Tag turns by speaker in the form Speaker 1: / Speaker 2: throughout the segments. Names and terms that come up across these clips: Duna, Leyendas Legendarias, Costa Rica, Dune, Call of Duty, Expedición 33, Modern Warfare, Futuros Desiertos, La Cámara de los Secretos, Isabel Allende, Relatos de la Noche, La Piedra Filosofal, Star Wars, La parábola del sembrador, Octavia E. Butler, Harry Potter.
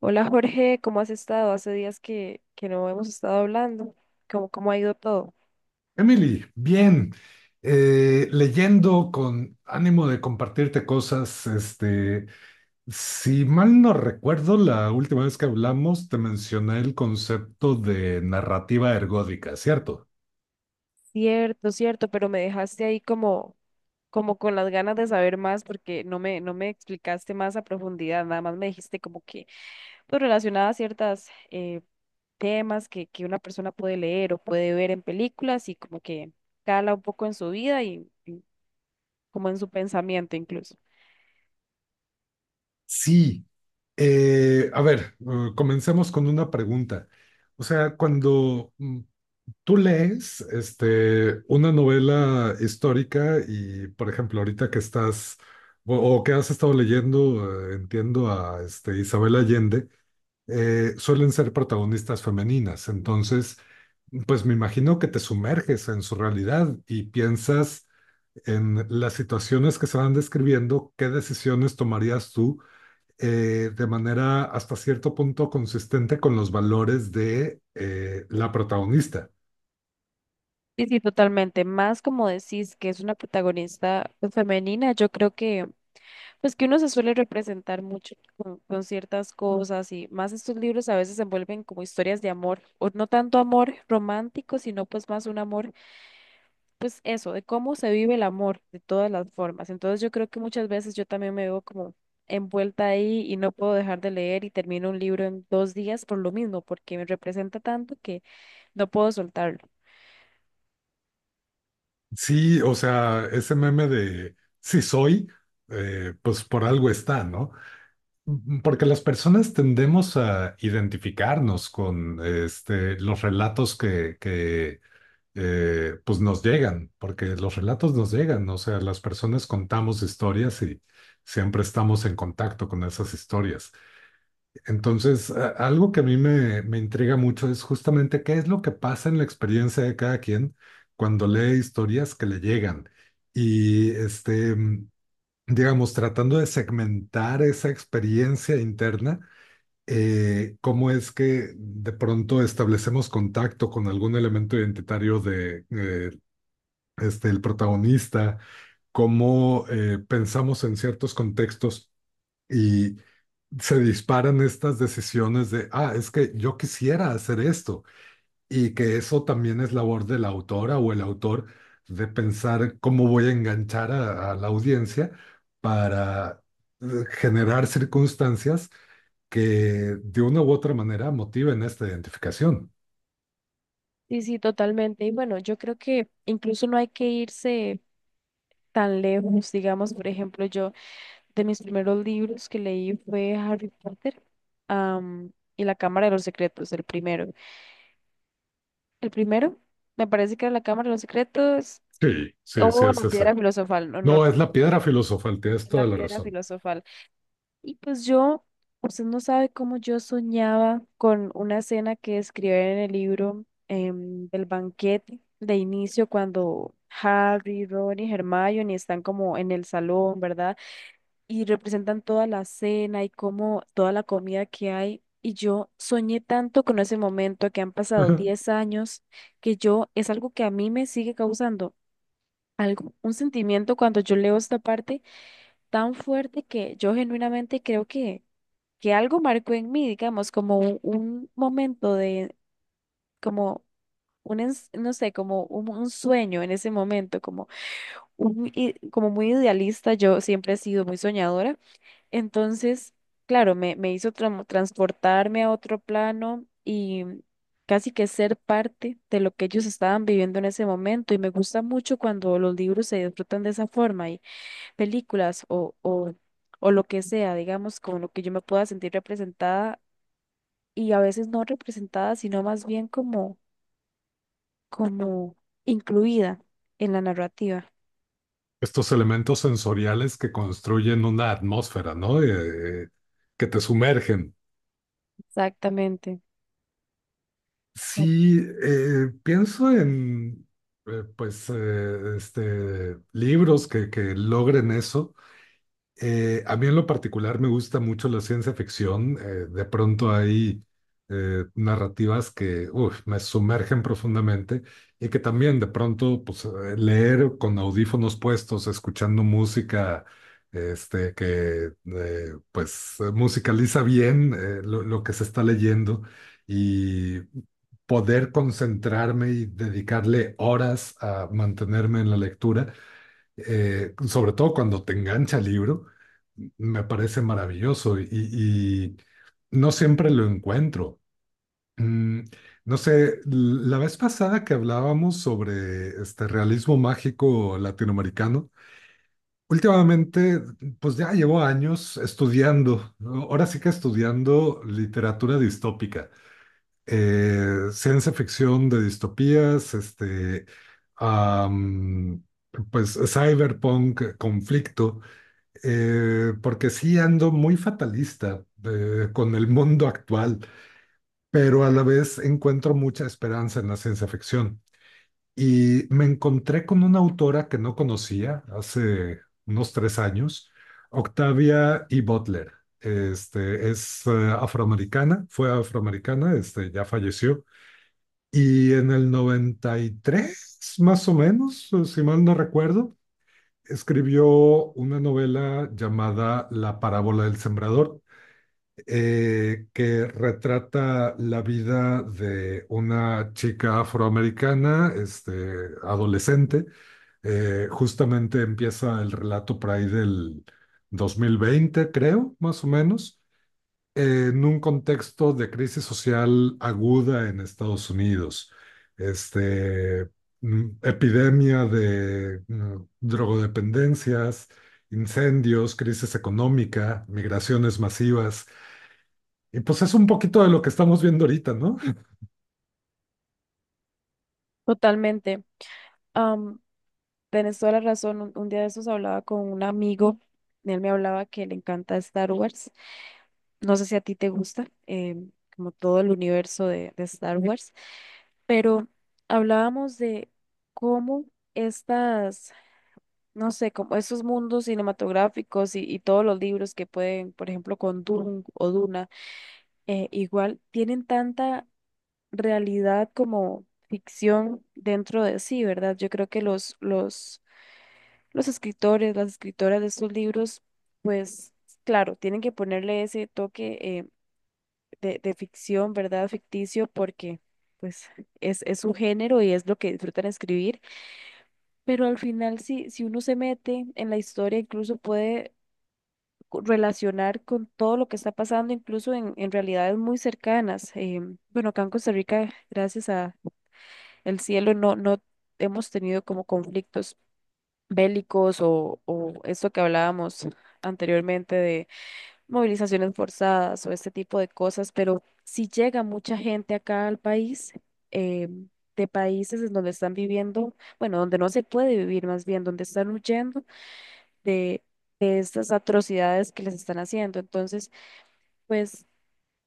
Speaker 1: Hola Jorge, ¿cómo has estado? Hace días que no hemos estado hablando. ¿Cómo ha ido todo?
Speaker 2: Emily, bien, leyendo con ánimo de compartirte cosas, si mal no recuerdo, la última vez que hablamos te mencioné el concepto de narrativa ergódica, ¿cierto?
Speaker 1: Cierto, cierto, pero me dejaste ahí como, como con las ganas de saber más porque no me explicaste más a profundidad, nada más me dijiste como que pues, relacionada a ciertas temas que una persona puede leer o puede ver en películas y como que cala un poco en su vida y como en su pensamiento incluso.
Speaker 2: Sí. A ver, comencemos con una pregunta. O sea, cuando tú lees una novela histórica y, por ejemplo, ahorita que estás o que has estado leyendo, entiendo a Isabel Allende. Suelen ser protagonistas femeninas. Entonces, pues me imagino que te sumerges en su realidad y piensas en las situaciones que se van describiendo, qué decisiones tomarías tú, de manera hasta cierto punto consistente con los valores de la protagonista.
Speaker 1: Sí, sí, totalmente. Más como decís que es una protagonista pues, femenina, yo creo que pues que uno se suele representar mucho con ciertas cosas y más estos libros a veces se envuelven como historias de amor, o no tanto amor romántico, sino pues más un amor, pues eso, de cómo se vive el amor de todas las formas. Entonces yo creo que muchas veces yo también me veo como envuelta ahí y no puedo dejar de leer y termino un libro en 2 días por lo mismo, porque me representa tanto que no puedo soltarlo.
Speaker 2: Sí, o sea, ese meme de si soy, pues por algo está, ¿no? Porque las personas tendemos a identificarnos con los relatos que, que pues nos llegan, porque los relatos nos llegan, o sea, las personas contamos historias y siempre estamos en contacto con esas historias. Entonces, algo que a mí me intriga mucho es justamente qué es lo que pasa en la experiencia de cada quien cuando lee historias que le llegan. Y, digamos, tratando de segmentar esa experiencia interna, cómo es que de pronto establecemos contacto con algún elemento identitario de, el protagonista, cómo pensamos en ciertos contextos. Y se disparan estas decisiones de, ah, es que yo quisiera hacer esto, y que eso también es labor de la autora o el autor, de pensar cómo voy a enganchar a, la audiencia para generar circunstancias que de una u otra manera motiven esta identificación.
Speaker 1: Sí, sí, totalmente. Y bueno, yo creo que incluso no hay que irse tan lejos. Digamos, por ejemplo, yo de mis primeros libros que leí fue Harry Potter, am, y La Cámara de los Secretos, el primero. El primero me parece que era La Cámara de los Secretos
Speaker 2: Sí, sí, sí,
Speaker 1: o La
Speaker 2: es
Speaker 1: Piedra
Speaker 2: ese.
Speaker 1: Filosofal, no, no,
Speaker 2: No, es la piedra filosofal, tienes
Speaker 1: La
Speaker 2: toda la
Speaker 1: Piedra
Speaker 2: razón.
Speaker 1: Filosofal. Y pues yo, usted no sabe cómo yo soñaba con una escena que escribe en el libro del banquete de inicio cuando Harry, Ron y Hermione están como en el salón, ¿verdad? Y representan toda la cena y como toda la comida que hay. Y yo soñé tanto con ese momento que han pasado
Speaker 2: Ajá.
Speaker 1: 10 años, que yo es algo que a mí me sigue causando algo, un sentimiento cuando yo leo esta parte tan fuerte que yo genuinamente creo que algo marcó en mí, digamos, como un momento de, como no sé, como un sueño en ese momento, como, como muy idealista, yo siempre he sido muy soñadora. Entonces, claro, me hizo transportarme a otro plano y casi que ser parte de lo que ellos estaban viviendo en ese momento. Y me gusta mucho cuando los libros se disfrutan de esa forma y películas o lo que sea, digamos, con lo que yo me pueda sentir representada y a veces no representada, sino más bien como, como incluida en la narrativa.
Speaker 2: Estos elementos sensoriales que construyen una atmósfera, ¿no? Que te sumergen.
Speaker 1: Exactamente. Exacto.
Speaker 2: Sí, pienso en libros que logren eso. A mí en lo particular me gusta mucho la ciencia ficción. De pronto hay narrativas que, uf, me sumergen profundamente, y que también de pronto pues, leer con audífonos puestos, escuchando música , que musicaliza bien lo que se está leyendo, y poder concentrarme y dedicarle horas a mantenerme en la lectura, sobre todo cuando te engancha el libro, me parece maravilloso, y no siempre lo encuentro. Mm, no sé, la vez pasada que hablábamos sobre este realismo mágico latinoamericano, últimamente, pues ya llevo años estudiando, ¿no? Ahora sí que estudiando literatura distópica, ciencia ficción de distopías, am, pues cyberpunk, conflicto, porque sí ando muy fatalista con el mundo actual, pero a la vez encuentro mucha esperanza en la ciencia ficción. Y me encontré con una autora que no conocía hace unos 3 años, Octavia E. Butler. Es afroamericana, fue afroamericana, ya falleció. Y en el 93, más o menos, si mal no recuerdo, escribió una novela llamada La parábola del sembrador, que retrata la vida de una chica afroamericana, adolescente. Justamente empieza el relato por ahí del 2020, creo, más o menos, en un contexto de crisis social aguda en Estados Unidos, este, epidemia de drogodependencias, incendios, crisis económica, migraciones masivas. Y pues es un poquito de lo que estamos viendo ahorita, ¿no?
Speaker 1: Totalmente. Tenés toda la razón. Un día de esos hablaba con un amigo. Él me hablaba que le encanta Star Wars. No sé si a ti te gusta, como todo el universo de Star Wars, pero hablábamos de cómo estas, no sé, como esos mundos cinematográficos y todos los libros que pueden, por ejemplo, con Dune o Duna, igual tienen tanta realidad como ficción dentro de sí, ¿verdad? Yo creo que los escritores, las escritoras de estos libros, pues claro, tienen que ponerle ese toque de ficción, ¿verdad? Ficticio, porque pues es su género y es lo que disfrutan escribir. Pero al final, si uno se mete en la historia, incluso puede relacionar con todo lo que está pasando, incluso en realidades muy cercanas. Bueno, acá en Costa Rica, gracias a el cielo, no, no hemos tenido como conflictos bélicos o esto que hablábamos anteriormente de movilizaciones forzadas o este tipo de cosas, pero si llega mucha gente acá al país, eh, de países en donde están viviendo, bueno, donde no se puede vivir más bien, donde están huyendo de, de estas atrocidades que les están haciendo. Entonces, pues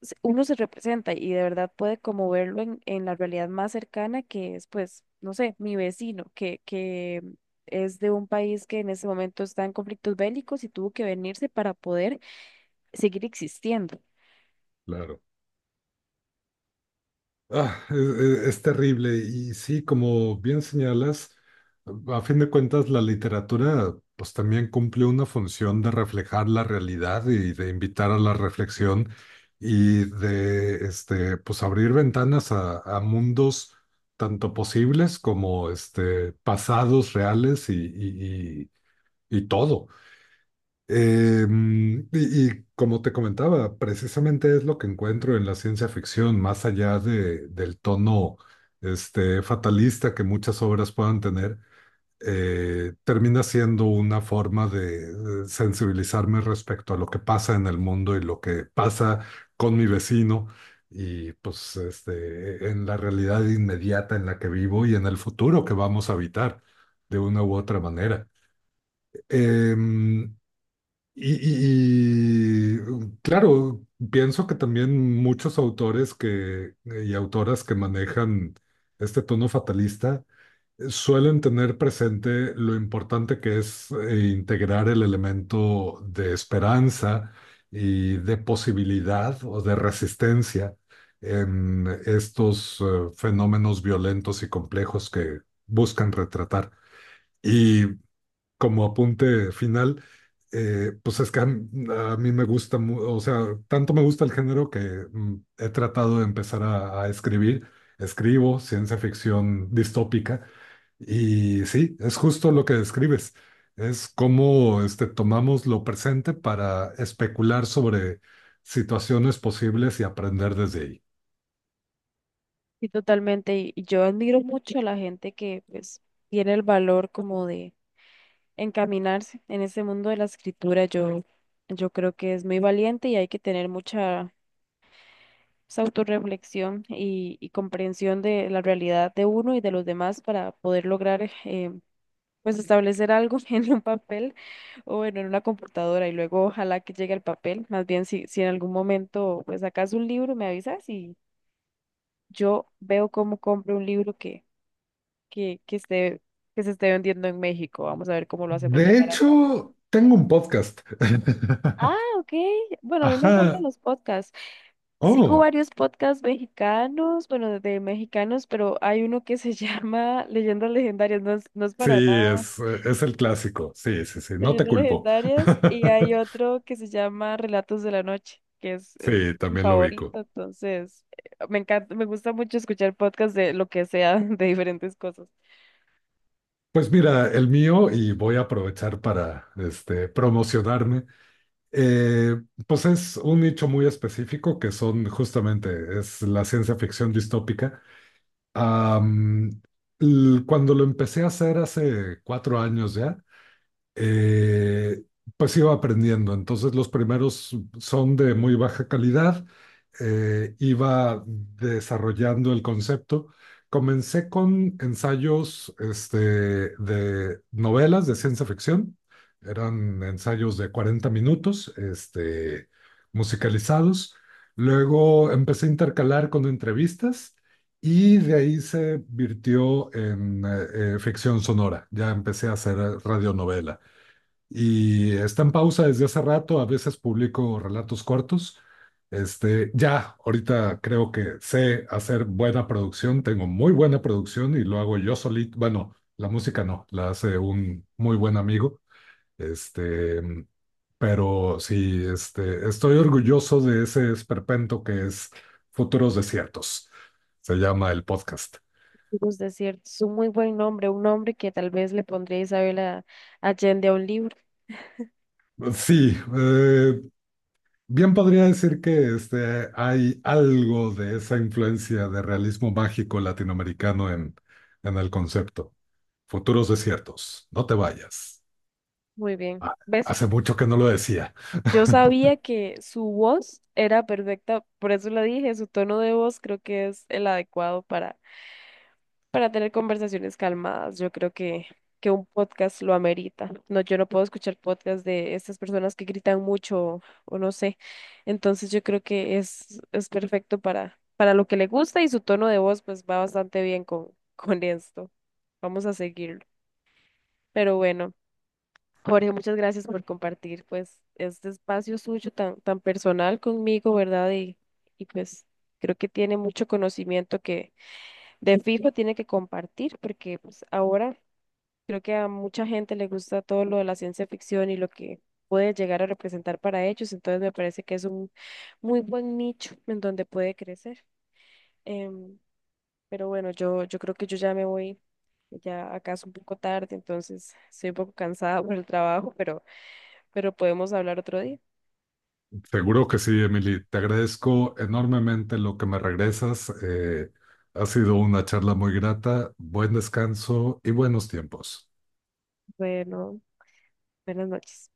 Speaker 1: uno se representa y de verdad puede como verlo en la realidad más cercana que es, pues, no sé, mi vecino, que es de un país que en ese momento está en conflictos bélicos y tuvo que venirse para poder seguir existiendo.
Speaker 2: Claro. Ah, es terrible. Y sí, como bien señalas, a fin de cuentas la literatura pues también cumple una función de reflejar la realidad y de invitar a la reflexión, y de pues abrir ventanas a, mundos tanto posibles como pasados reales, y, y todo. Y como te comentaba, precisamente es lo que encuentro en la ciencia ficción, más allá del tono fatalista que muchas obras puedan tener. Termina siendo una forma de sensibilizarme respecto a lo que pasa en el mundo y lo que pasa con mi vecino, y pues en la realidad inmediata en la que vivo y en el futuro que vamos a habitar de una u otra manera. Em, y, claro, pienso que también muchos autores, que, y autoras, que manejan este tono fatalista suelen tener presente lo importante que es integrar el elemento de esperanza y de posibilidad o de resistencia en estos fenómenos violentos y complejos que buscan retratar. Y como apunte final, pues es que a mí me gusta, o sea, tanto me gusta el género que, he tratado de empezar a escribir. Escribo ciencia ficción distópica y sí, es justo lo que describes. Es cómo, tomamos lo presente para especular sobre situaciones posibles y aprender desde ahí.
Speaker 1: Sí, totalmente. Y yo admiro mucho a la gente que, pues, tiene el valor como de encaminarse en ese mundo de la escritura. Yo creo que es muy valiente y hay que tener mucha esa autorreflexión y comprensión de la realidad de uno y de los demás para poder lograr pues establecer algo en un papel o bueno, en una computadora y luego ojalá que llegue al papel. Más bien si en algún momento pues sacas un libro, me avisas y yo veo cómo compro un libro que esté, que se esté vendiendo en México. Vamos a ver cómo lo hacemos
Speaker 2: De
Speaker 1: llegar acá.
Speaker 2: hecho, tengo un podcast.
Speaker 1: Ah, ok. Bueno, a mí me encantan
Speaker 2: Ajá.
Speaker 1: los podcasts. Sigo
Speaker 2: Oh.
Speaker 1: varios podcasts mexicanos, bueno, de mexicanos, pero hay uno que se llama Leyendas Legendarias, no es, no es para
Speaker 2: Sí,
Speaker 1: nada
Speaker 2: es el clásico. Sí, sí, sí. No te
Speaker 1: Leyendas
Speaker 2: culpo.
Speaker 1: Legendarias, y hay otro que se llama Relatos de la Noche, es
Speaker 2: Sí,
Speaker 1: mi
Speaker 2: también lo ubico.
Speaker 1: favorito, entonces me encanta, me gusta mucho escuchar podcasts de lo que sea, de diferentes cosas.
Speaker 2: Pues mira, el mío, y voy a aprovechar para promocionarme. eh, pues es un nicho muy específico que son justamente, es la ciencia ficción distópica. Am, Cuando lo empecé a hacer hace 4 años ya, eh, pues iba aprendiendo. Entonces los primeros son de muy baja calidad, iba desarrollando el concepto. Comencé con ensayos, de novelas de ciencia ficción. Eran ensayos de 40 minutos, musicalizados. Luego empecé a intercalar con entrevistas. Y de ahí se virtió en ficción sonora. Ya empecé a hacer radionovela, y está en pausa desde hace rato. A veces publico relatos cortos. Ya, ahorita creo que sé hacer buena producción, tengo muy buena producción y lo hago yo solito. Bueno, la música no, la hace un muy buen amigo. Este, pero sí, estoy orgulloso de ese esperpento que es Futuros Desiertos. Se llama el podcast.
Speaker 1: Los desiertos, es un muy buen nombre, un nombre que tal vez le pondría Allende a un libro.
Speaker 2: Sí, bien podría decir que hay algo de esa influencia de realismo mágico latinoamericano en, el concepto. Futuros desiertos, no te vayas.
Speaker 1: Muy bien.
Speaker 2: Ah,
Speaker 1: ¿Ves?
Speaker 2: hace mucho que no lo decía.
Speaker 1: Yo sabía que su voz era perfecta, por eso la dije, su tono de voz creo que es el adecuado para tener conversaciones calmadas. Yo creo que un podcast lo amerita. No, yo no puedo escuchar podcast de estas personas que gritan mucho o no sé. Entonces yo creo que es perfecto para lo que le gusta y su tono de voz pues va bastante bien con esto. Vamos a seguirlo. Pero bueno. Jorge, muchas gracias por compartir pues este espacio suyo tan personal conmigo, ¿verdad? Y pues creo que tiene mucho conocimiento que de fijo tiene que compartir porque pues ahora creo que a mucha gente le gusta todo lo de la ciencia ficción y lo que puede llegar a representar para ellos, entonces me parece que es un muy buen nicho en donde puede crecer. Em, pero bueno, yo creo que yo ya me voy, ya acaso un poco tarde, entonces estoy un poco cansada por el trabajo, pero podemos hablar otro día.
Speaker 2: Seguro que sí, Emily. Te agradezco enormemente lo que me regresas. Ha sido una charla muy grata. Buen descanso y buenos tiempos.
Speaker 1: Bueno, buenas noches.